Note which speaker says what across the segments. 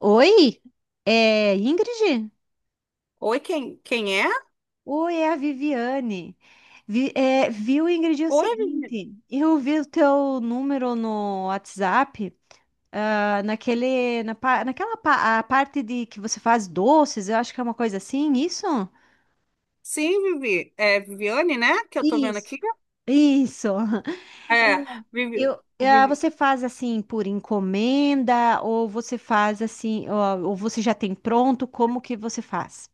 Speaker 1: Oi, é Ingrid?
Speaker 2: Oi, quem é?
Speaker 1: Oi, é a Viviane. Viu, Ingrid, é o
Speaker 2: Oi, Vivi.
Speaker 1: seguinte, eu vi o teu número no WhatsApp, ah, naquele, na, pa- naquela pa- a parte de que você faz doces, eu acho que é uma coisa assim, isso?
Speaker 2: Sim, Vivi. É Viviane, né? Que eu tô vendo
Speaker 1: Isso,
Speaker 2: aqui.
Speaker 1: isso.
Speaker 2: É, Vivi.
Speaker 1: Você
Speaker 2: Vivi-
Speaker 1: faz assim por encomenda ou você faz assim, ou você já tem pronto, como que você faz?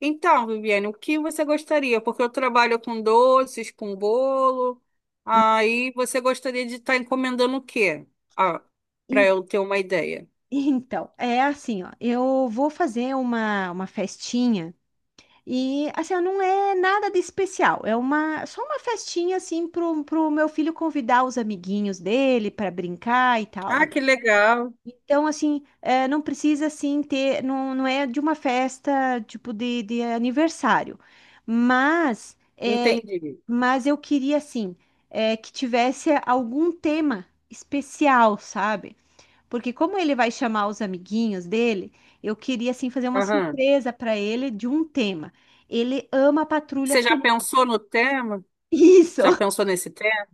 Speaker 2: Então, Viviane, o que você gostaria? Porque eu trabalho com doces, com bolo. Aí você gostaria de estar encomendando o quê? Ah, Para eu ter uma ideia.
Speaker 1: Então, é assim, ó, eu vou fazer uma festinha e, assim, ó, não é nada de especial, é só uma festinha, assim, pro meu filho convidar os amiguinhos dele para brincar e tal,
Speaker 2: Ah,
Speaker 1: né?
Speaker 2: que legal.
Speaker 1: Então, assim, é, não precisa, assim, ter, não, não é de uma festa, tipo, de aniversário, mas, é,
Speaker 2: Entendi.
Speaker 1: mas eu queria, assim, que tivesse algum tema especial, sabe? Porque como ele vai chamar os amiguinhos dele, eu queria assim fazer uma
Speaker 2: Aham.
Speaker 1: surpresa para ele de um tema. Ele ama a patrulha
Speaker 2: Você já
Speaker 1: canina.
Speaker 2: pensou no tema? Já
Speaker 1: Isso,
Speaker 2: pensou nesse tema?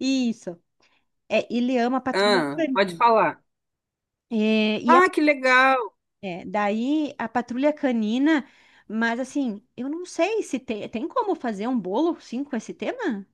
Speaker 1: isso. É, ele ama a patrulha
Speaker 2: Ah, pode
Speaker 1: canina.
Speaker 2: falar.
Speaker 1: É, e a-
Speaker 2: Ah, que legal.
Speaker 1: Daí a patrulha canina, mas assim, eu não sei se tem como fazer um bolo sim com esse tema?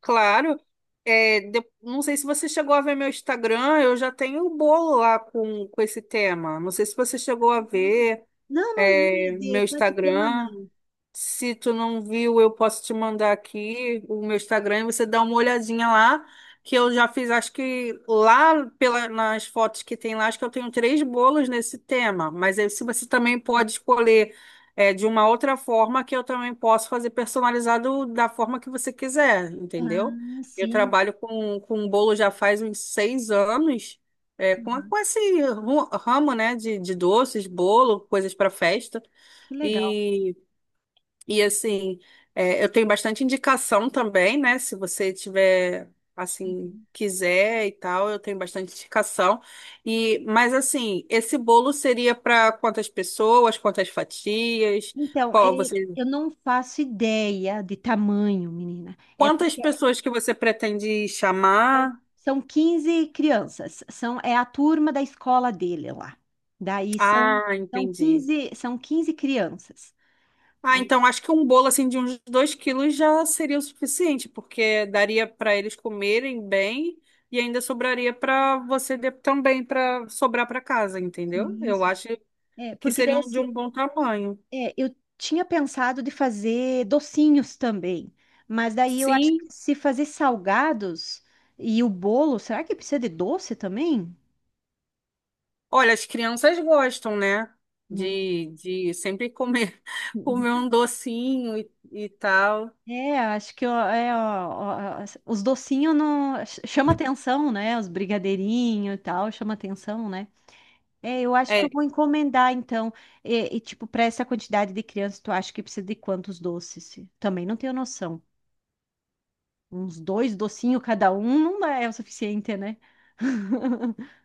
Speaker 2: Claro. É, não sei se você chegou a ver meu Instagram, eu já tenho o bolo lá com esse tema. Não sei se você chegou a
Speaker 1: Hum.
Speaker 2: ver,
Speaker 1: Não, não
Speaker 2: é,
Speaker 1: vi
Speaker 2: meu
Speaker 1: com esse tema
Speaker 2: Instagram.
Speaker 1: não.
Speaker 2: Se tu não viu, eu posso te mandar aqui o meu Instagram e você dá uma olhadinha lá, que eu já fiz, acho que lá pela, nas fotos que tem lá, acho que eu tenho três bolos nesse tema. Mas aí, se você também pode escolher de uma outra forma, que eu também posso fazer personalizado da forma que você quiser, entendeu?
Speaker 1: Ah,
Speaker 2: Eu
Speaker 1: sim.
Speaker 2: trabalho com um bolo já faz uns 6 anos, é, com,
Speaker 1: Uhum,
Speaker 2: com esse ramo, né, de doces, bolo, coisas para festa.
Speaker 1: que legal.
Speaker 2: e assim, é, eu tenho bastante indicação também, né? Se você tiver, assim,
Speaker 1: Uhum.
Speaker 2: quiser e tal, eu tenho bastante indicação. E, mas assim, esse bolo seria para quantas pessoas, quantas fatias?
Speaker 1: Então,
Speaker 2: Qual você,
Speaker 1: eu não faço ideia de tamanho, menina. É
Speaker 2: quantas
Speaker 1: porque
Speaker 2: pessoas que você pretende
Speaker 1: são,
Speaker 2: chamar?
Speaker 1: são 15 crianças, é a turma da escola dele lá. Daí são,
Speaker 2: Ah,
Speaker 1: são
Speaker 2: entendi.
Speaker 1: quinze são quinze crianças.
Speaker 2: Ah,
Speaker 1: Aí,
Speaker 2: então acho que um bolo assim de uns 2 quilos já seria o suficiente, porque daria para eles comerem bem e ainda sobraria para você também para sobrar para casa, entendeu? Eu
Speaker 1: isso.
Speaker 2: acho que
Speaker 1: Porque daí
Speaker 2: seriam de
Speaker 1: assim,
Speaker 2: um bom tamanho.
Speaker 1: eu tinha pensado de fazer docinhos também, mas daí eu acho
Speaker 2: Sim,
Speaker 1: que se fazer salgados e o bolo, será que precisa de doce também?
Speaker 2: olha, as crianças gostam, né?
Speaker 1: Hum.
Speaker 2: De sempre comer, comer um docinho e tal.
Speaker 1: Acho que ó, os docinhos não chama atenção, né? Os brigadeirinhos e tal, chama atenção, né? Eu acho que eu
Speaker 2: É,
Speaker 1: vou encomendar então. Tipo, para essa quantidade de crianças, tu acha que precisa de quantos doces? Também não tenho noção. Uns dois docinhos cada um não dá- é o suficiente, né?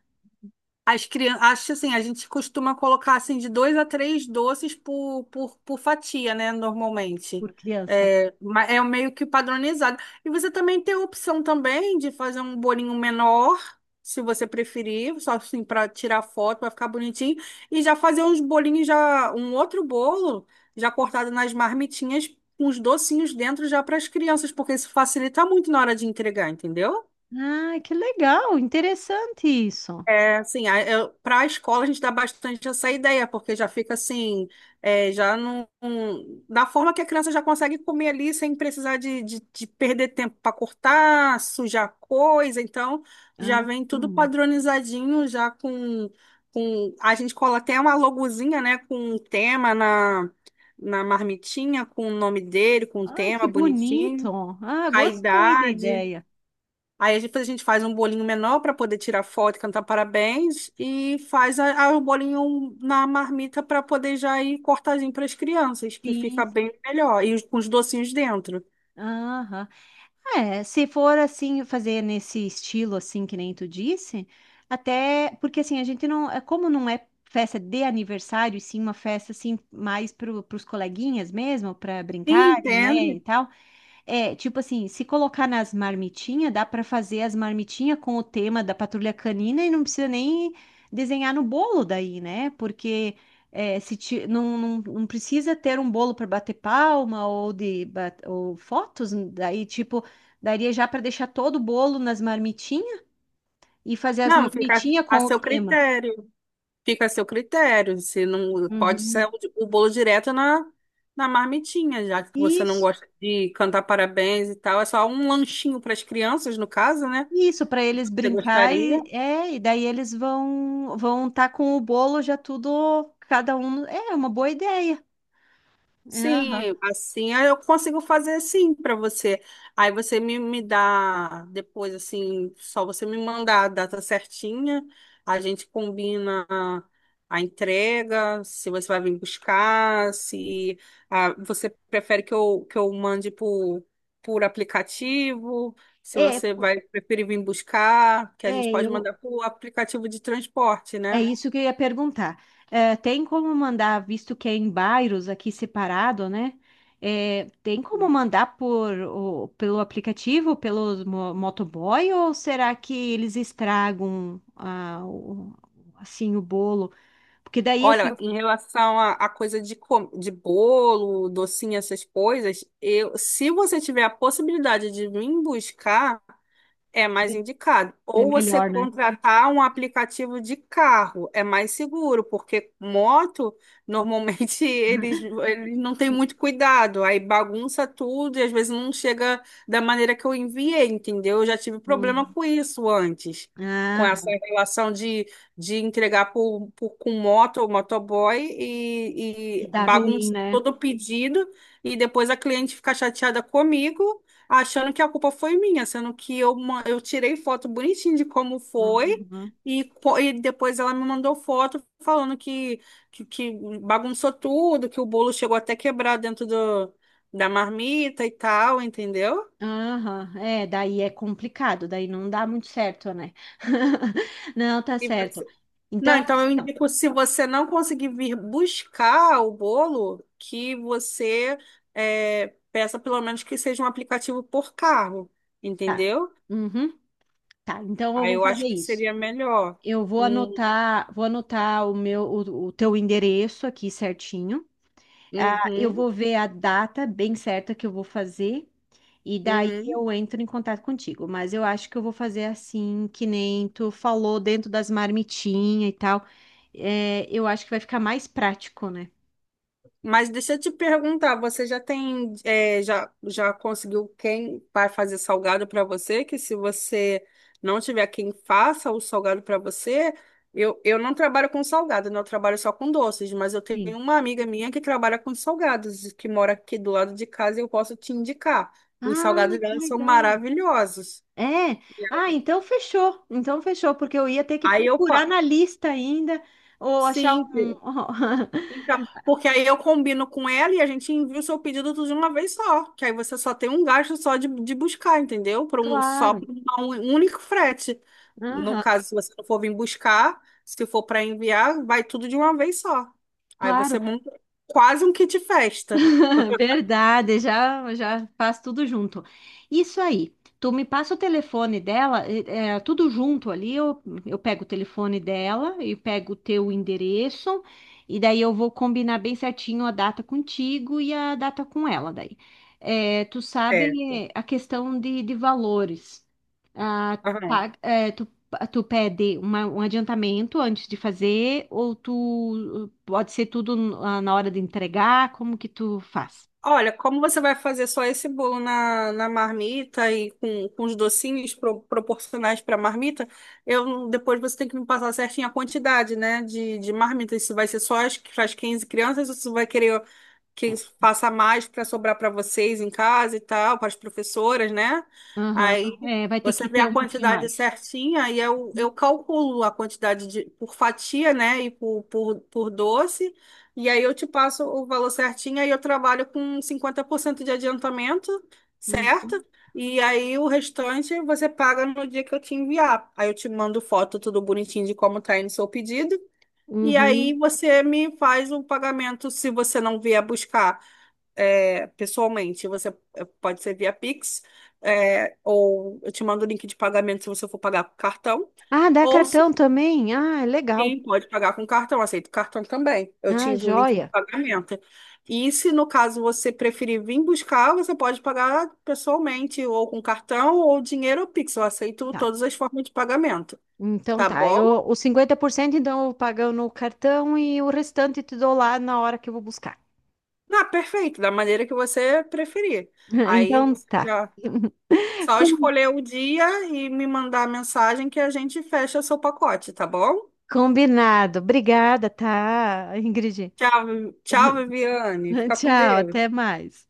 Speaker 2: as crianças, acho assim, a gente costuma colocar assim de dois a três doces por fatia, né? Normalmente.
Speaker 1: Por criança.
Speaker 2: É, é meio que padronizado. E você também tem a opção também de fazer um bolinho menor, se você preferir, só assim para tirar foto, vai ficar bonitinho. E já fazer uns bolinhos, já um outro bolo, já cortado nas marmitinhas, com os docinhos dentro já para as crianças, porque isso facilita muito na hora de entregar, entendeu?
Speaker 1: Ah, que legal, interessante isso.
Speaker 2: É, assim, para a escola a gente dá bastante essa ideia, porque já fica assim, é, já não, não- da forma que a criança já consegue comer ali sem precisar de perder tempo para cortar, sujar coisa, então já
Speaker 1: Ah,
Speaker 2: vem tudo
Speaker 1: hum.
Speaker 2: padronizadinho, já com a gente cola até uma logozinha, né, com um tema na, na marmitinha, com o nome dele, com o
Speaker 1: Ai,
Speaker 2: tema
Speaker 1: que
Speaker 2: bonitinho,
Speaker 1: bonito. Ah,
Speaker 2: a
Speaker 1: gostei da
Speaker 2: idade.
Speaker 1: ideia.
Speaker 2: Aí a gente faz um bolinho menor para poder tirar foto e cantar parabéns e faz o bolinho na marmita para poder já ir cortadinho para as crianças, que fica
Speaker 1: Sim,
Speaker 2: bem
Speaker 1: sim.
Speaker 2: melhor. E com os docinhos dentro.
Speaker 1: Aham. Se for assim, fazer nesse estilo assim que nem tu disse, até porque assim, a gente não, é como não é festa de aniversário, e sim uma festa assim mais para os coleguinhas mesmo, para
Speaker 2: Sim,
Speaker 1: brincarem, né,
Speaker 2: entende?
Speaker 1: e tal. Tipo assim, se colocar nas marmitinhas, dá pra fazer as marmitinhas com o tema da patrulha canina e não precisa nem desenhar no bolo daí, né? Porque é, se ti- não, não, não precisa ter um bolo para bater palma ou ou fotos, daí tipo daria já para deixar todo o bolo nas marmitinhas e fazer as
Speaker 2: Não, fica
Speaker 1: marmitinhas
Speaker 2: a
Speaker 1: com o
Speaker 2: seu
Speaker 1: tema.
Speaker 2: critério. Fica a seu critério. Se não pode ser
Speaker 1: Uhum.
Speaker 2: o bolo direto na, na marmitinha, já que você não
Speaker 1: Isso.
Speaker 2: gosta de cantar parabéns e tal. É só um lanchinho para as crianças, no caso, né?
Speaker 1: Isso, para eles
Speaker 2: Você
Speaker 1: brincar
Speaker 2: gostaria?
Speaker 1: e é, e daí eles vão estar com o bolo já tudo cada um. É uma boa ideia. É, aham.
Speaker 2: Sim, assim aí eu consigo fazer assim para você. Aí você me dá depois, assim, só você me mandar a data certinha, a gente combina a entrega, se você vai vir buscar, se você prefere que eu mande por aplicativo, se
Speaker 1: É,
Speaker 2: você
Speaker 1: po-
Speaker 2: vai preferir vir buscar, que a gente
Speaker 1: é,
Speaker 2: pode mandar
Speaker 1: eu
Speaker 2: por aplicativo de transporte,
Speaker 1: é
Speaker 2: né?
Speaker 1: isso que eu ia perguntar. Tem como mandar, visto que é em bairros aqui separado, né? Tem como mandar por pelo aplicativo, pelo motoboy, ou será que eles estragam assim o bolo? Porque daí assim
Speaker 2: Olha, em relação à a coisa de bolo, docinho, essas coisas, eu, se você tiver a possibilidade de vir buscar. É mais indicado.
Speaker 1: é
Speaker 2: Ou você
Speaker 1: melhor, né?
Speaker 2: contratar um aplicativo de carro, é mais seguro, porque moto, normalmente eles não têm muito cuidado, aí bagunça tudo e às vezes não chega da maneira que eu enviei, entendeu? Eu já tive problema
Speaker 1: Hum.
Speaker 2: com isso antes, com
Speaker 1: Ah,
Speaker 2: essa relação de entregar com moto ou motoboy
Speaker 1: e
Speaker 2: e
Speaker 1: dá ruim,
Speaker 2: bagunça
Speaker 1: né?
Speaker 2: todo o pedido e depois a cliente fica chateada comigo achando que a culpa foi minha, sendo que eu, eu tirei foto bonitinho de como foi.
Speaker 1: Aham.
Speaker 2: E, e depois ela me mandou foto falando que bagunçou tudo, que o bolo chegou até quebrar dentro da marmita e tal, entendeu?
Speaker 1: Aham. Daí é complicado, daí não dá muito certo, né? Não, tá
Speaker 2: E
Speaker 1: certo.
Speaker 2: você- Não,
Speaker 1: Então,
Speaker 2: então
Speaker 1: assim,
Speaker 2: eu
Speaker 1: ó,
Speaker 2: indico, se você não conseguir vir buscar o bolo, que você é, peça pelo menos que seja um aplicativo por carro,
Speaker 1: tá.
Speaker 2: entendeu?
Speaker 1: Uhum. Tá, então eu
Speaker 2: Aí
Speaker 1: vou
Speaker 2: eu
Speaker 1: fazer
Speaker 2: acho que
Speaker 1: isso.
Speaker 2: seria melhor.
Speaker 1: Eu
Speaker 2: Hum,
Speaker 1: vou anotar o meu, o teu endereço aqui certinho. Ah, eu
Speaker 2: uhum.
Speaker 1: vou ver a data bem certa que eu vou fazer. E daí
Speaker 2: Uhum.
Speaker 1: eu entro em contato contigo, mas eu acho que eu vou fazer assim, que nem tu falou dentro das marmitinhas e tal. Eu acho que vai ficar mais prático, né?
Speaker 2: Mas deixa eu te perguntar, você já tem, é, já, já conseguiu quem vai fazer salgado para você? Que se você não tiver quem faça o salgado para você, eu não trabalho com salgado, né? Eu trabalho só com doces, mas eu
Speaker 1: Sim.
Speaker 2: tenho uma amiga minha que trabalha com salgados, que mora aqui do lado de casa e eu posso te indicar. Os
Speaker 1: Ah,
Speaker 2: salgados
Speaker 1: que
Speaker 2: dela são
Speaker 1: legal.
Speaker 2: maravilhosos.
Speaker 1: É. Ah, então fechou. Então fechou, porque eu ia ter que
Speaker 2: Aí eu,
Speaker 1: procurar
Speaker 2: pa-
Speaker 1: na lista ainda ou achar
Speaker 2: sim,
Speaker 1: um.
Speaker 2: Então, porque aí eu combino com ela e a gente envia o seu pedido tudo de uma vez só. Que aí você só tem um gasto só de buscar, entendeu? Só
Speaker 1: Claro.
Speaker 2: por um único frete. No
Speaker 1: Aham.
Speaker 2: caso, se você não for vir buscar, se for para enviar, vai tudo de uma vez só. Aí
Speaker 1: Claro.
Speaker 2: você monta quase um kit festa.
Speaker 1: Verdade, já já faz tudo junto. Isso aí. Tu me passa o telefone dela, tudo junto ali. Eu pego o telefone dela e pego o teu endereço, e daí eu vou combinar bem certinho a data contigo e a data com ela daí. É, tu
Speaker 2: É.
Speaker 1: sabe a questão de valores. Ah, pa- é, tu, tu pede um adiantamento antes de fazer, ou tu pode ser tudo na hora de entregar, como que tu faz?
Speaker 2: Olha, como você vai fazer só esse bolo na, na marmita e com os docinhos proporcionais para a marmita, eu, depois você tem que me passar certinho a quantidade, né, de marmitas. Se vai ser só as, para as 15 crianças ou se vai querer que passa mais para sobrar para vocês em casa e tal, para as professoras, né?
Speaker 1: Aham.
Speaker 2: Aí
Speaker 1: É, vai ter que
Speaker 2: você vê
Speaker 1: ter
Speaker 2: a
Speaker 1: um pouquinho
Speaker 2: quantidade
Speaker 1: mais.
Speaker 2: certinha, eu calculo a quantidade de, por fatia, né? E por doce, e aí eu te passo o valor certinho, aí eu trabalho com 50% de adiantamento, certo?
Speaker 1: Uhum.
Speaker 2: E aí o restante você paga no dia que eu te enviar. Aí eu te mando foto tudo bonitinho de como tá indo o seu pedido. E aí
Speaker 1: Uhum.
Speaker 2: você me faz o pagamento se você não vier buscar é, pessoalmente. Você é, pode ser via Pix, é, ou eu te mando o link de pagamento se você for pagar com cartão.
Speaker 1: Ah, dá
Speaker 2: Ou se
Speaker 1: cartão também? Ah, legal.
Speaker 2: sim, pode pagar com cartão, aceito cartão também. Eu te
Speaker 1: Ah,
Speaker 2: envio o link de
Speaker 1: joia.
Speaker 2: pagamento. E se no caso você preferir vir buscar, você pode pagar pessoalmente, ou com cartão, ou dinheiro ou Pix. Eu aceito
Speaker 1: Tá.
Speaker 2: todas as formas de pagamento,
Speaker 1: Então
Speaker 2: tá
Speaker 1: tá.
Speaker 2: bom?
Speaker 1: Eu, os 50%, então eu pago no cartão e o restante te dou lá na hora que eu vou buscar.
Speaker 2: Ah, perfeito, da maneira que você preferir. Aí
Speaker 1: Então
Speaker 2: você
Speaker 1: tá.
Speaker 2: já só
Speaker 1: Com-
Speaker 2: escolher o dia e me mandar a mensagem que a gente fecha seu pacote, tá bom?
Speaker 1: Combinado. Obrigada, tá, Ingrid?
Speaker 2: Tchau, tchau, Viviane. Fica com
Speaker 1: Tchau, até
Speaker 2: Deus.
Speaker 1: mais.